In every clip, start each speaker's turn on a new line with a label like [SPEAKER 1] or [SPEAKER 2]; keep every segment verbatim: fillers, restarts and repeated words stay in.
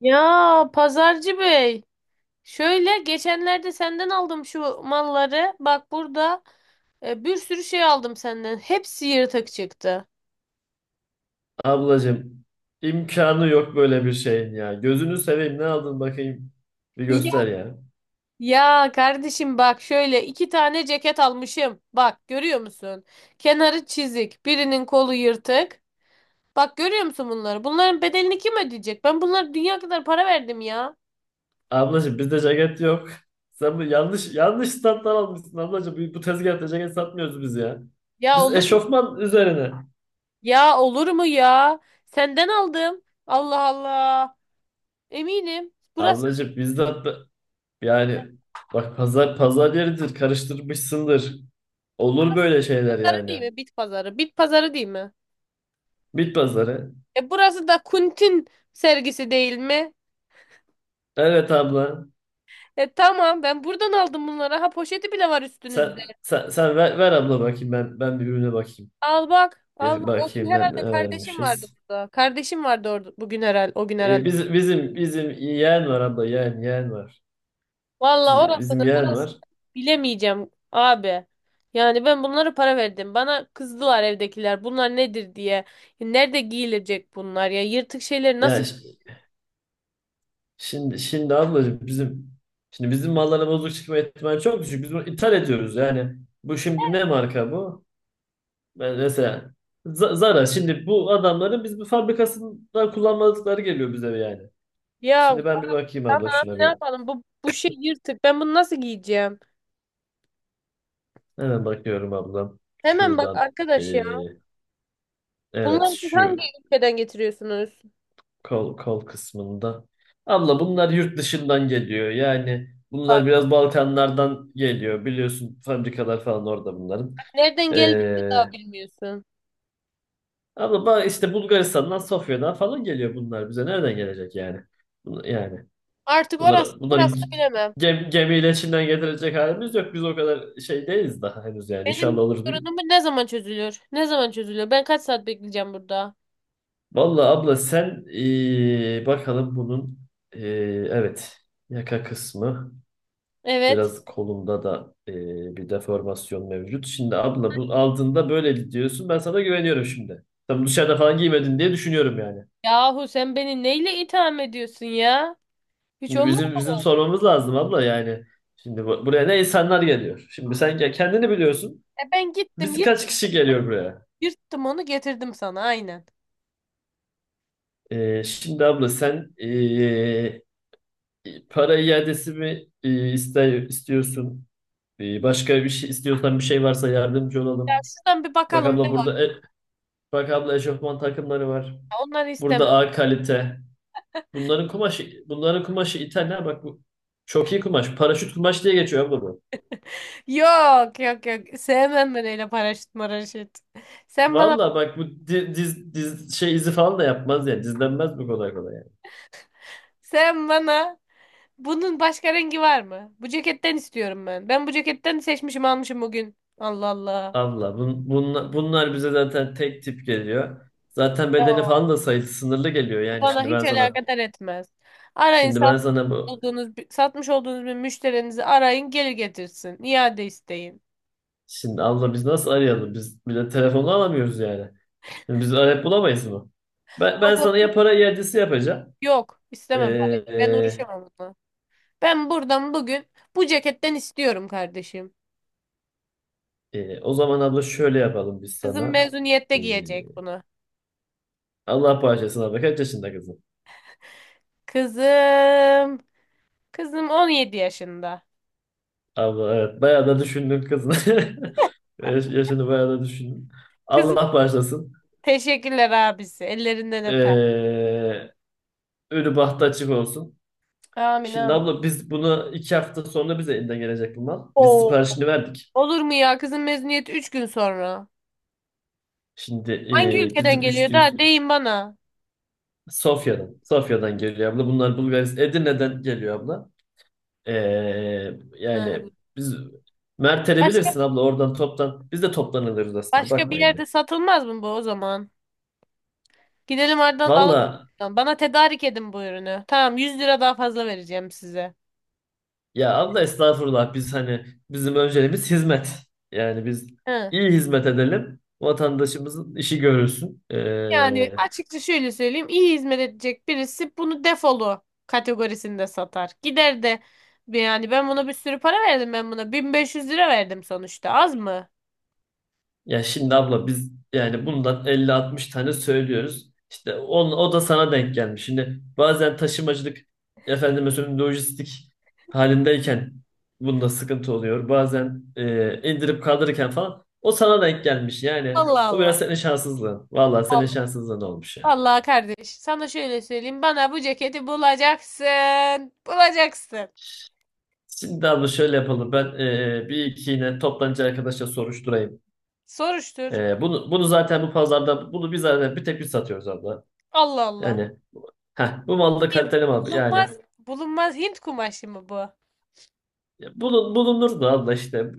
[SPEAKER 1] Ya, pazarcı bey. Şöyle geçenlerde senden aldım şu malları. Bak burada e, bir sürü şey aldım senden. Hepsi yırtık çıktı.
[SPEAKER 2] Ablacığım imkanı yok böyle bir şeyin ya. Gözünü seveyim ne aldın bakayım. Bir
[SPEAKER 1] Ya
[SPEAKER 2] göster ya.
[SPEAKER 1] Ya kardeşim bak şöyle iki tane ceket almışım. Bak görüyor musun? Kenarı çizik, birinin kolu yırtık. Bak görüyor musun bunları? Bunların bedelini kim ödeyecek? Ben bunlara dünya kadar para verdim ya.
[SPEAKER 2] Ablacığım bizde ceket yok. Sen bu yanlış yanlış standlar almışsın ablacığım. Bu, bu tezgahta ceket satmıyoruz biz ya.
[SPEAKER 1] Ya
[SPEAKER 2] Biz
[SPEAKER 1] olur mu?
[SPEAKER 2] eşofman üzerine.
[SPEAKER 1] Ya olur mu ya? Senden aldım. Allah Allah. Eminim. Burası
[SPEAKER 2] Ablacığım bizde hatta- yani bak pazar pazar yeridir karıştırmışsındır. Olur böyle şeyler
[SPEAKER 1] pazarı değil
[SPEAKER 2] yani.
[SPEAKER 1] mi? Bit pazarı. Bit pazarı değil mi?
[SPEAKER 2] Bit pazarı.
[SPEAKER 1] E burası da Kuntin sergisi değil mi?
[SPEAKER 2] Evet abla.
[SPEAKER 1] E tamam, ben buradan aldım bunları. Ha, poşeti bile var
[SPEAKER 2] Sen
[SPEAKER 1] üstünüzde.
[SPEAKER 2] sen, sen ver, ver abla bakayım ben ben bir ürüne bakayım.
[SPEAKER 1] Al bak. Al
[SPEAKER 2] Bir
[SPEAKER 1] bak. O gün
[SPEAKER 2] bakayım ne,
[SPEAKER 1] herhalde
[SPEAKER 2] ne
[SPEAKER 1] kardeşim vardı
[SPEAKER 2] vermişiz.
[SPEAKER 1] burada. Kardeşim vardı orada bugün herhalde. O gün herhalde.
[SPEAKER 2] E, biz, bizim bizim yeğen var abla yeğen yeğen var.
[SPEAKER 1] Valla
[SPEAKER 2] Biz- bizim
[SPEAKER 1] orasını
[SPEAKER 2] yeğen
[SPEAKER 1] burasını
[SPEAKER 2] var.
[SPEAKER 1] bilemeyeceğim abi. Yani ben bunlara para verdim. Bana kızdılar evdekiler. Bunlar nedir diye. Nerede giyilecek bunlar ya? Yırtık şeyleri nasıl
[SPEAKER 2] Yani ş- şimdi şimdi ablacığım bizim şimdi bizim mallara bozuk çıkma ihtimali çok düşük. Biz bunu ithal ediyoruz yani. Bu şimdi ne marka bu? Ben mesela Z- Zara şimdi bu adamların biz bu fabrikasında kullanmadıkları geliyor bize yani.
[SPEAKER 1] ya
[SPEAKER 2] Şimdi ben bir bakayım abla
[SPEAKER 1] tamam
[SPEAKER 2] şuna
[SPEAKER 1] ne
[SPEAKER 2] bir.
[SPEAKER 1] yapalım? Bu bu şey yırtık. Ben bunu nasıl giyeceğim?
[SPEAKER 2] Hemen bakıyorum ablam.
[SPEAKER 1] Hemen bak
[SPEAKER 2] Şuradan. e,
[SPEAKER 1] arkadaş ya.
[SPEAKER 2] evet
[SPEAKER 1] Bunları siz hangi
[SPEAKER 2] şu
[SPEAKER 1] ülkeden getiriyorsunuz?
[SPEAKER 2] Kol, kol kısmında. Abla bunlar yurt dışından geliyor. Yani bunlar
[SPEAKER 1] Bak,
[SPEAKER 2] biraz Balkanlardan geliyor. Biliyorsun fabrikalar falan orada bunların.
[SPEAKER 1] nereden geldiğini
[SPEAKER 2] Ee,
[SPEAKER 1] daha bilmiyorsun.
[SPEAKER 2] Abla ba- işte Bulgaristan'dan, Sofya'dan falan geliyor bunlar bize. Nereden gelecek yani? Bun- Yani
[SPEAKER 1] Artık orası
[SPEAKER 2] bunları, bunları
[SPEAKER 1] burası
[SPEAKER 2] gi-
[SPEAKER 1] bilemem.
[SPEAKER 2] gem, gemiyle Çin'den getirecek halimiz yok. Biz o kadar şey değiliz daha henüz yani. İnşallah
[SPEAKER 1] Benim
[SPEAKER 2] olur bir gün.
[SPEAKER 1] sorunum ne zaman çözülür? Ne zaman çözülüyor? Ben kaç saat bekleyeceğim burada?
[SPEAKER 2] Vallahi abla sen ee, bakalım bunun ee, evet yaka kısmı.
[SPEAKER 1] Evet.
[SPEAKER 2] Biraz kolumda da e, bir deformasyon mevcut. Şimdi abla bu altında böyle diyorsun. Ben sana güveniyorum şimdi. Tam dışarıda falan giymedin diye düşünüyorum yani.
[SPEAKER 1] Yahu sen beni neyle itham ediyorsun ya? Hiç
[SPEAKER 2] Şimdi
[SPEAKER 1] olur
[SPEAKER 2] bizim bizim
[SPEAKER 1] mu?
[SPEAKER 2] sormamız lazım abla yani. Şimdi bu- buraya ne insanlar geliyor. Şimdi sen ya kendini biliyorsun.
[SPEAKER 1] E ben gittim
[SPEAKER 2] Biz kaç
[SPEAKER 1] yırt-
[SPEAKER 2] kişi geliyor buraya?
[SPEAKER 1] yırttım onu getirdim sana aynen.
[SPEAKER 2] E, şimdi abla sen e, para iadesi mi e, iste- istiyorsun? E, başka bir şey istiyorsan bir şey varsa yardımcı
[SPEAKER 1] Ya
[SPEAKER 2] olalım.
[SPEAKER 1] şuradan bir
[SPEAKER 2] Bak
[SPEAKER 1] bakalım ne
[SPEAKER 2] abla
[SPEAKER 1] var?
[SPEAKER 2] burada e, bak abla eşofman takımları var.
[SPEAKER 1] Onları istemem.
[SPEAKER 2] Burada A kalite. Bunların kumaşı, bunların kumaşı İtalya. Bak bu çok iyi kumaş. Paraşüt kumaş diye geçiyor abla bu.
[SPEAKER 1] Yok yok yok. Sevmem ben öyle paraşüt maraşüt. Sen bana
[SPEAKER 2] Valla bak bu di- diz, diz, şey izi falan da yapmaz yani. Dizlenmez bu kolay kolay yani.
[SPEAKER 1] sen bana Bunun başka rengi var mı? Bu ceketten istiyorum ben. Ben bu ceketten seçmişim almışım bugün. Allah Allah.
[SPEAKER 2] Allah bun, bunla- bunlar bize zaten tek tip geliyor. Zaten bedeni
[SPEAKER 1] Yok.
[SPEAKER 2] falan da sayısı sınırlı geliyor
[SPEAKER 1] Bu
[SPEAKER 2] yani.
[SPEAKER 1] Bana
[SPEAKER 2] Şimdi ben
[SPEAKER 1] hiç
[SPEAKER 2] sana
[SPEAKER 1] alakadar etmez. Arayın
[SPEAKER 2] şimdi ben
[SPEAKER 1] satmış
[SPEAKER 2] sana bu
[SPEAKER 1] olduğunuz, satmış olduğunuz bir müşterinizi arayın geri getirsin. İade isteyin.
[SPEAKER 2] Şimdi abla biz nasıl arayalım? Biz bile telefonu alamıyoruz yani. Biz arayıp bulamayız mı? Ben,
[SPEAKER 1] O
[SPEAKER 2] ben
[SPEAKER 1] da
[SPEAKER 2] sana ya para iadesi yapacağım.
[SPEAKER 1] yok,
[SPEAKER 2] Ee,
[SPEAKER 1] istemem parayı. Ben
[SPEAKER 2] e,
[SPEAKER 1] uğraşamam onunla. Ben buradan bugün bu ceketten istiyorum kardeşim.
[SPEAKER 2] Ee, o zaman abla şöyle yapalım biz
[SPEAKER 1] Kızım
[SPEAKER 2] sana.
[SPEAKER 1] mezuniyette
[SPEAKER 2] Ee,
[SPEAKER 1] giyecek bunu.
[SPEAKER 2] Allah bağışlasın abla. Kaç yaşında kızım?
[SPEAKER 1] Kızım. Kızım on yedi yaşında.
[SPEAKER 2] Abla evet bayağı da düşündün kızım. Yaş- Yaşını bayağı da düşündün.
[SPEAKER 1] Kızım,
[SPEAKER 2] Allah bağışlasın.
[SPEAKER 1] teşekkürler abisi. Ellerinden öper.
[SPEAKER 2] Ee, Ölü bahtı açık olsun.
[SPEAKER 1] Amin
[SPEAKER 2] Şimdi
[SPEAKER 1] amin.
[SPEAKER 2] abla biz bunu iki hafta sonra bize elinden gelecek bu mal. Biz
[SPEAKER 1] Oo.
[SPEAKER 2] siparişini verdik.
[SPEAKER 1] Olur mu ya? Kızın mezuniyeti üç gün sonra.
[SPEAKER 2] Şimdi
[SPEAKER 1] Hangi
[SPEAKER 2] ee,
[SPEAKER 1] ülkeden
[SPEAKER 2] bizim üç
[SPEAKER 1] geliyor
[SPEAKER 2] gün
[SPEAKER 1] da deyin bana.
[SPEAKER 2] Sofya'dan. Sofya'dan geliyor abla. Bunlar Bulgaristan. Edirne'den geliyor abla. Ee,
[SPEAKER 1] Ha,
[SPEAKER 2] Yani biz Mert'e
[SPEAKER 1] başka
[SPEAKER 2] bilirsin abla oradan toptan biz de toplanılırız aslında
[SPEAKER 1] başka bir
[SPEAKER 2] bakma yani.
[SPEAKER 1] yerde satılmaz mı bu o zaman? Gidelim oradan
[SPEAKER 2] Valla
[SPEAKER 1] alalım. Bana tedarik edin bu ürünü. Tamam, yüz lira daha fazla vereceğim size.
[SPEAKER 2] ya abla estağfurullah biz hani bizim önceliğimiz hizmet. Yani biz
[SPEAKER 1] Hı.
[SPEAKER 2] iyi hizmet edelim vatandaşımızın işi görülsün.
[SPEAKER 1] Yani
[SPEAKER 2] Ee,
[SPEAKER 1] açıkça şöyle söyleyeyim. İyi hizmet edecek birisi bunu defolu kategorisinde satar. Gider de yani ben buna bir sürü para verdim ben buna. bin beş yüz lira verdim sonuçta. Az mı?
[SPEAKER 2] Ya şimdi abla biz yani bundan elli altmış tane söylüyoruz. İşte on, o da sana denk gelmiş. Şimdi bazen taşımacılık efendim mesela lojistik halindeyken bunda sıkıntı oluyor. Bazen e, indirip kaldırırken falan o sana denk gelmiş. Yani
[SPEAKER 1] Allah
[SPEAKER 2] o
[SPEAKER 1] Allah.
[SPEAKER 2] biraz senin şanssızlığın. Vallahi senin şanssızlığın olmuş ya.
[SPEAKER 1] Vallahi kardeş, sana şöyle söyleyeyim. Bana bu ceketi bulacaksın. Bulacaksın.
[SPEAKER 2] Şimdi abla şöyle yapalım. Ben e, bir iki yine toptancı arkadaşa soruşturayım.
[SPEAKER 1] Soruştur.
[SPEAKER 2] E, bunu, bunu zaten bu pazarda bunu biz zaten bir tek biz satıyoruz abla.
[SPEAKER 1] Allah Allah.
[SPEAKER 2] Yani. Heh, bu malda
[SPEAKER 1] Ya
[SPEAKER 2] kaliteli mal yani.
[SPEAKER 1] bulunmaz. Bulunmaz Hint kumaşı mı bu?
[SPEAKER 2] Ya bulun, bulunur da abla işte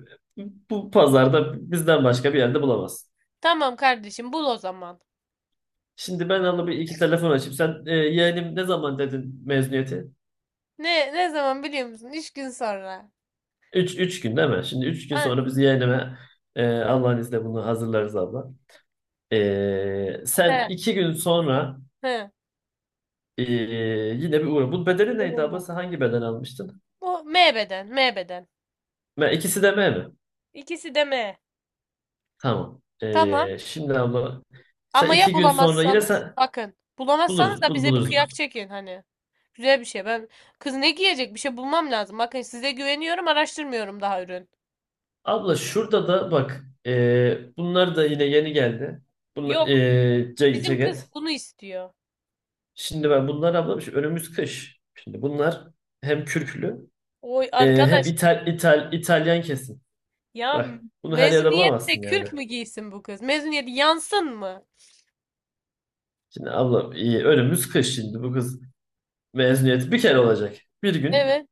[SPEAKER 2] bu pazarda bizden başka bir yerde bulamazsın.
[SPEAKER 1] Tamam kardeşim, bul o zaman.
[SPEAKER 2] Şimdi ben abla bir iki telefon açıp sen e, yeğenim ne zaman dedin mezuniyeti?
[SPEAKER 1] Ne ne zaman biliyor musun? Üç gün sonra.
[SPEAKER 2] Üç, üç gün değil mi? Şimdi üç gün
[SPEAKER 1] An,
[SPEAKER 2] sonra biz yeğenime e, Allah'ın izniyle bunu hazırlarız abla. E, sen
[SPEAKER 1] he
[SPEAKER 2] iki gün sonra
[SPEAKER 1] he.
[SPEAKER 2] e, yine bir uğra. Bu bedeli neydi abla? Sen hangi beden almıştın?
[SPEAKER 1] Bu M beden, M beden.
[SPEAKER 2] Me, ikisi de M mi?
[SPEAKER 1] İkisi de M.
[SPEAKER 2] Tamam.
[SPEAKER 1] Tamam.
[SPEAKER 2] E, şimdi abla sen
[SPEAKER 1] Ama ya
[SPEAKER 2] iki gün sonra yine
[SPEAKER 1] bulamazsanız?
[SPEAKER 2] sen
[SPEAKER 1] Bakın. Bulamazsanız
[SPEAKER 2] buluruz
[SPEAKER 1] da
[SPEAKER 2] bul,
[SPEAKER 1] bize bir
[SPEAKER 2] buluruz.
[SPEAKER 1] kıyak çekin hani. Güzel bir şey. Ben kız ne giyecek? Bir şey bulmam lazım. Bakın size güveniyorum, araştırmıyorum daha ürün.
[SPEAKER 2] Abla şurada da bak e, bunlar da yine yeni geldi. Bunlar,
[SPEAKER 1] Yok,
[SPEAKER 2] e, ce-
[SPEAKER 1] bizim kız
[SPEAKER 2] ceket.
[SPEAKER 1] bunu istiyor.
[SPEAKER 2] Şimdi ben bunlar abla şu önümüz kış. Şimdi bunlar hem kürklü
[SPEAKER 1] Oy
[SPEAKER 2] e, hem
[SPEAKER 1] arkadaş
[SPEAKER 2] İtal, İtal, İtalyan kesim.
[SPEAKER 1] ya,
[SPEAKER 2] Bak bunu her yerde
[SPEAKER 1] mezuniyette
[SPEAKER 2] bulamazsın yani.
[SPEAKER 1] kürk mü giysin bu kız? Mezuniyet yansın mı?
[SPEAKER 2] Şimdi abla e, önümüz kış şimdi bu kız mezuniyeti bir kere olacak. Bir gün
[SPEAKER 1] Evet.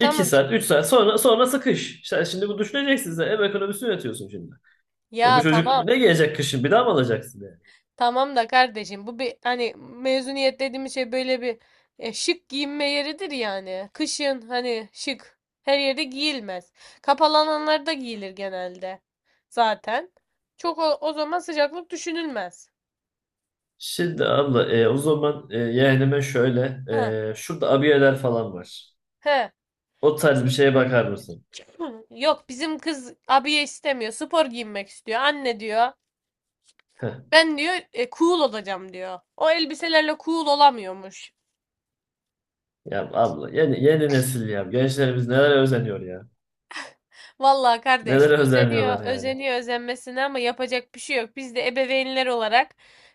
[SPEAKER 2] iki saat üç saat sonra sonrası kış. İşte şimdi bu düşüneceksin sen ev ekonomisini yönetiyorsun şimdi. Ya bu
[SPEAKER 1] Ya
[SPEAKER 2] çocuk
[SPEAKER 1] tamam.
[SPEAKER 2] ne gelecek kışın bir daha mı alacaksın yani?
[SPEAKER 1] Tamam da kardeşim bu bir hani mezuniyet dediğimiz şey böyle bir e, şık giyinme yeridir yani. Kışın hani şık her yerde giyilmez. Kapalananlarda giyilir genelde zaten. Çok o, o zaman sıcaklık düşünülmez.
[SPEAKER 2] Şimdi abla e, o zaman e, yeğenime şöyle
[SPEAKER 1] He.
[SPEAKER 2] e, şurada abiyeler falan var.
[SPEAKER 1] He.
[SPEAKER 2] O tarz bir şeye bakar mısın?
[SPEAKER 1] Hı, yok bizim kız abiye istemiyor. Spor giyinmek istiyor. Anne diyor.
[SPEAKER 2] Heh,
[SPEAKER 1] Ben diyor e, cool olacağım diyor. O elbiselerle cool olamıyormuş.
[SPEAKER 2] ya abla yeni, yeni nesil ya. Gençlerimiz nelere özeniyor ya.
[SPEAKER 1] Vallahi kardeş
[SPEAKER 2] Nelere
[SPEAKER 1] özeniyor,
[SPEAKER 2] özeniyorlar yani.
[SPEAKER 1] özeniyor özenmesine ama yapacak bir şey yok. Biz de ebeveynler olarak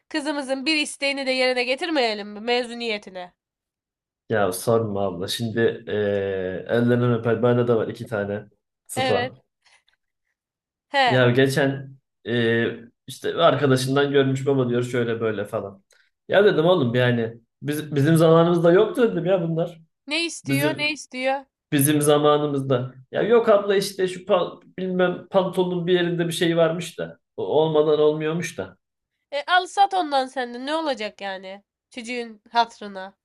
[SPEAKER 1] kızımızın bir isteğini de yerine getirmeyelim mi mezuniyetine?
[SPEAKER 2] Ya sorma abla. Şimdi e, ellerinden öper. Bende de var iki tane
[SPEAKER 1] Evet.
[SPEAKER 2] sıpa.
[SPEAKER 1] He.
[SPEAKER 2] Ya geçen e, işte arkadaşından görmüş baba diyor şöyle böyle falan. Ya dedim oğlum yani biz, bizim zamanımızda yoktu dedim ya bunlar.
[SPEAKER 1] Ne istiyor, ne
[SPEAKER 2] Bizim
[SPEAKER 1] istiyor?
[SPEAKER 2] Bizim zamanımızda. Ya yok abla işte şu pa- bilmem pantolonun bir yerinde bir şey varmış da. O olmadan olmuyormuş da.
[SPEAKER 1] E, al sat ondan sen de ne olacak yani? Çocuğun hatırına.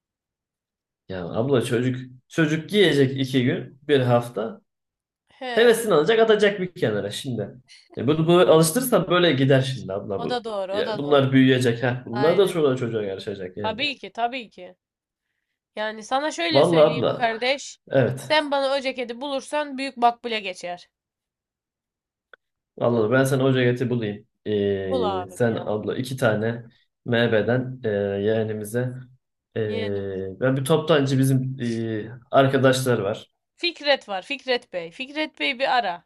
[SPEAKER 2] Ya abla çocuk çocuk giyecek iki gün, bir hafta.
[SPEAKER 1] He.
[SPEAKER 2] Hevesini alacak atacak bir kenara şimdi. E bunu böyle alıştırırsan böyle gider şimdi abla
[SPEAKER 1] O
[SPEAKER 2] bu.
[SPEAKER 1] da doğru, o
[SPEAKER 2] Ya
[SPEAKER 1] da doğru.
[SPEAKER 2] bunlar büyüyecek ha. Bunlar da
[SPEAKER 1] Aynen.
[SPEAKER 2] çoluğa çocuğa yarışacak yani.
[SPEAKER 1] Tabii ki, tabii ki. Yani sana şöyle
[SPEAKER 2] Vallahi
[SPEAKER 1] söyleyeyim
[SPEAKER 2] abla.
[SPEAKER 1] kardeş.
[SPEAKER 2] Evet.
[SPEAKER 1] Sen bana o ceketi bulursan büyük makbule geçer.
[SPEAKER 2] Anladım. Ben sana hoca eti bulayım.
[SPEAKER 1] Bul
[SPEAKER 2] Ee,
[SPEAKER 1] abim
[SPEAKER 2] sen
[SPEAKER 1] ya.
[SPEAKER 2] abla iki tane M B'den e, yeğenimize e,
[SPEAKER 1] Yeğenim
[SPEAKER 2] ben bir toptancı bizim e, arkadaşlar var.
[SPEAKER 1] Fikret var. Fikret Bey. Fikret Bey bir ara.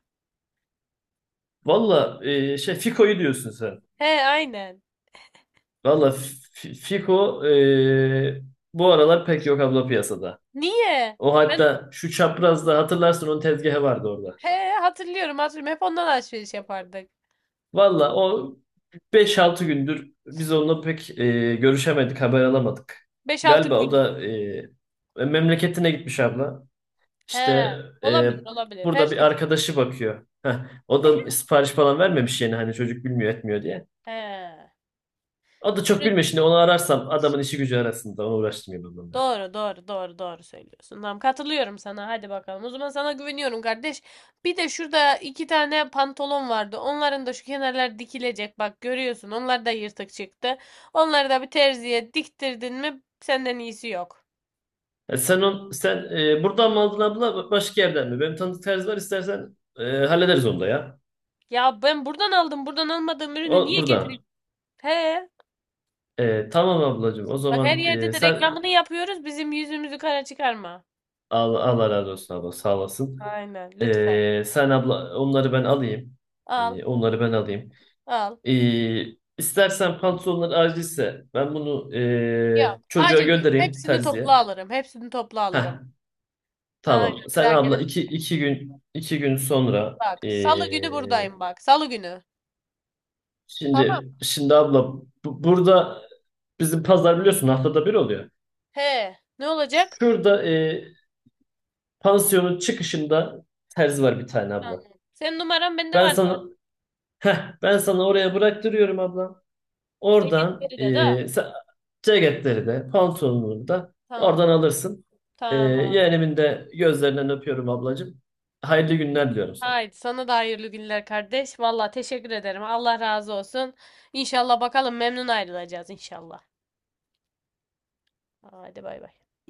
[SPEAKER 2] Valla e, şey Fiko'yu diyorsun sen.
[SPEAKER 1] He aynen.
[SPEAKER 2] Valla F- Fiko e, bu aralar pek yok abla piyasada.
[SPEAKER 1] Niye?
[SPEAKER 2] O
[SPEAKER 1] Ben
[SPEAKER 2] hatta şu çaprazda hatırlarsın onun tezgahı vardı orada.
[SPEAKER 1] he hatırlıyorum hatırlıyorum. Hep ondan alışveriş yapardık.
[SPEAKER 2] Valla o Beş altı gündür biz onunla pek e, görüşemedik, haber alamadık.
[SPEAKER 1] Beş altı
[SPEAKER 2] Galiba o
[SPEAKER 1] gün.
[SPEAKER 2] da e, e, memleketine gitmiş abla.
[SPEAKER 1] He.
[SPEAKER 2] İşte e,
[SPEAKER 1] Olabilir olabilir.
[SPEAKER 2] burada bir
[SPEAKER 1] Herkes.
[SPEAKER 2] arkadaşı bakıyor. Heh, o
[SPEAKER 1] Eh,
[SPEAKER 2] da sipariş falan vermemiş yeni hani çocuk bilmiyor etmiyor diye.
[SPEAKER 1] he.
[SPEAKER 2] O da çok
[SPEAKER 1] Ürün-
[SPEAKER 2] bilmiyor şimdi onu ararsam adamın işi gücü arasında onu uğraştırmayayım onunla.
[SPEAKER 1] Doğru doğru doğru doğru söylüyorsun. Tamam, katılıyorum sana. Hadi bakalım. O zaman sana güveniyorum kardeş. Bir de şurada iki tane pantolon vardı. Onların da şu kenarlar dikilecek. Bak görüyorsun. Onlar da yırtık çıktı. Onları da bir terziye diktirdin mi senden iyisi yok.
[SPEAKER 2] E, sen on, sen e, buradan mı aldın abla başka yerden mi? Benim tanıdık terzi var istersen e, hallederiz onu da ya.
[SPEAKER 1] Ya ben buradan aldım. Buradan almadığım ürünü
[SPEAKER 2] O
[SPEAKER 1] niye
[SPEAKER 2] buradan.
[SPEAKER 1] getireyim? He.
[SPEAKER 2] E, tamam ablacığım o
[SPEAKER 1] Bak her
[SPEAKER 2] zaman
[SPEAKER 1] yerde
[SPEAKER 2] e,
[SPEAKER 1] de
[SPEAKER 2] sen
[SPEAKER 1] reklamını yapıyoruz. Bizim yüzümüzü kara çıkarma.
[SPEAKER 2] Allah, Allah razı olsun abla sağ olasın.
[SPEAKER 1] Aynen. Lütfen.
[SPEAKER 2] Ee, sen abla onları ben alayım.
[SPEAKER 1] Al.
[SPEAKER 2] Ee, onları ben alayım.
[SPEAKER 1] Al.
[SPEAKER 2] Ee, istersen pantolonlar acilse ben bunu
[SPEAKER 1] Yok.
[SPEAKER 2] ee, çocuğa
[SPEAKER 1] Acil değil.
[SPEAKER 2] göndereyim
[SPEAKER 1] Hepsini
[SPEAKER 2] terziye.
[SPEAKER 1] topla alırım. Hepsini topla
[SPEAKER 2] Heh,
[SPEAKER 1] alırım.
[SPEAKER 2] tamam.
[SPEAKER 1] Aynen.
[SPEAKER 2] Sen
[SPEAKER 1] Derken
[SPEAKER 2] abla iki, iki gün iki gün sonra
[SPEAKER 1] bak. Salı günü
[SPEAKER 2] ee,
[SPEAKER 1] buradayım bak. Salı günü. Tamam.
[SPEAKER 2] şimdi şimdi abla bu- burada bizim pazar biliyorsun haftada bir oluyor.
[SPEAKER 1] He. Ne olacak?
[SPEAKER 2] Şurada ee, pansiyonun çıkışında terzi var bir tane abla.
[SPEAKER 1] Tamam. Senin numaran bende
[SPEAKER 2] Ben
[SPEAKER 1] var
[SPEAKER 2] sana
[SPEAKER 1] zaten.
[SPEAKER 2] heh, ben sana oraya bıraktırıyorum abla. Oradan
[SPEAKER 1] Ceketleri de da.
[SPEAKER 2] e, sen- Ceketleri de pantolonunu da
[SPEAKER 1] Tamam.
[SPEAKER 2] oradan alırsın. E,
[SPEAKER 1] Tamam.
[SPEAKER 2] yeğenimin de gözlerinden öpüyorum ablacığım. Hayırlı günler diliyorum sana.
[SPEAKER 1] Haydi sana da hayırlı günler kardeş. Valla teşekkür ederim. Allah razı olsun. İnşallah bakalım memnun ayrılacağız inşallah. Haydi bay bay.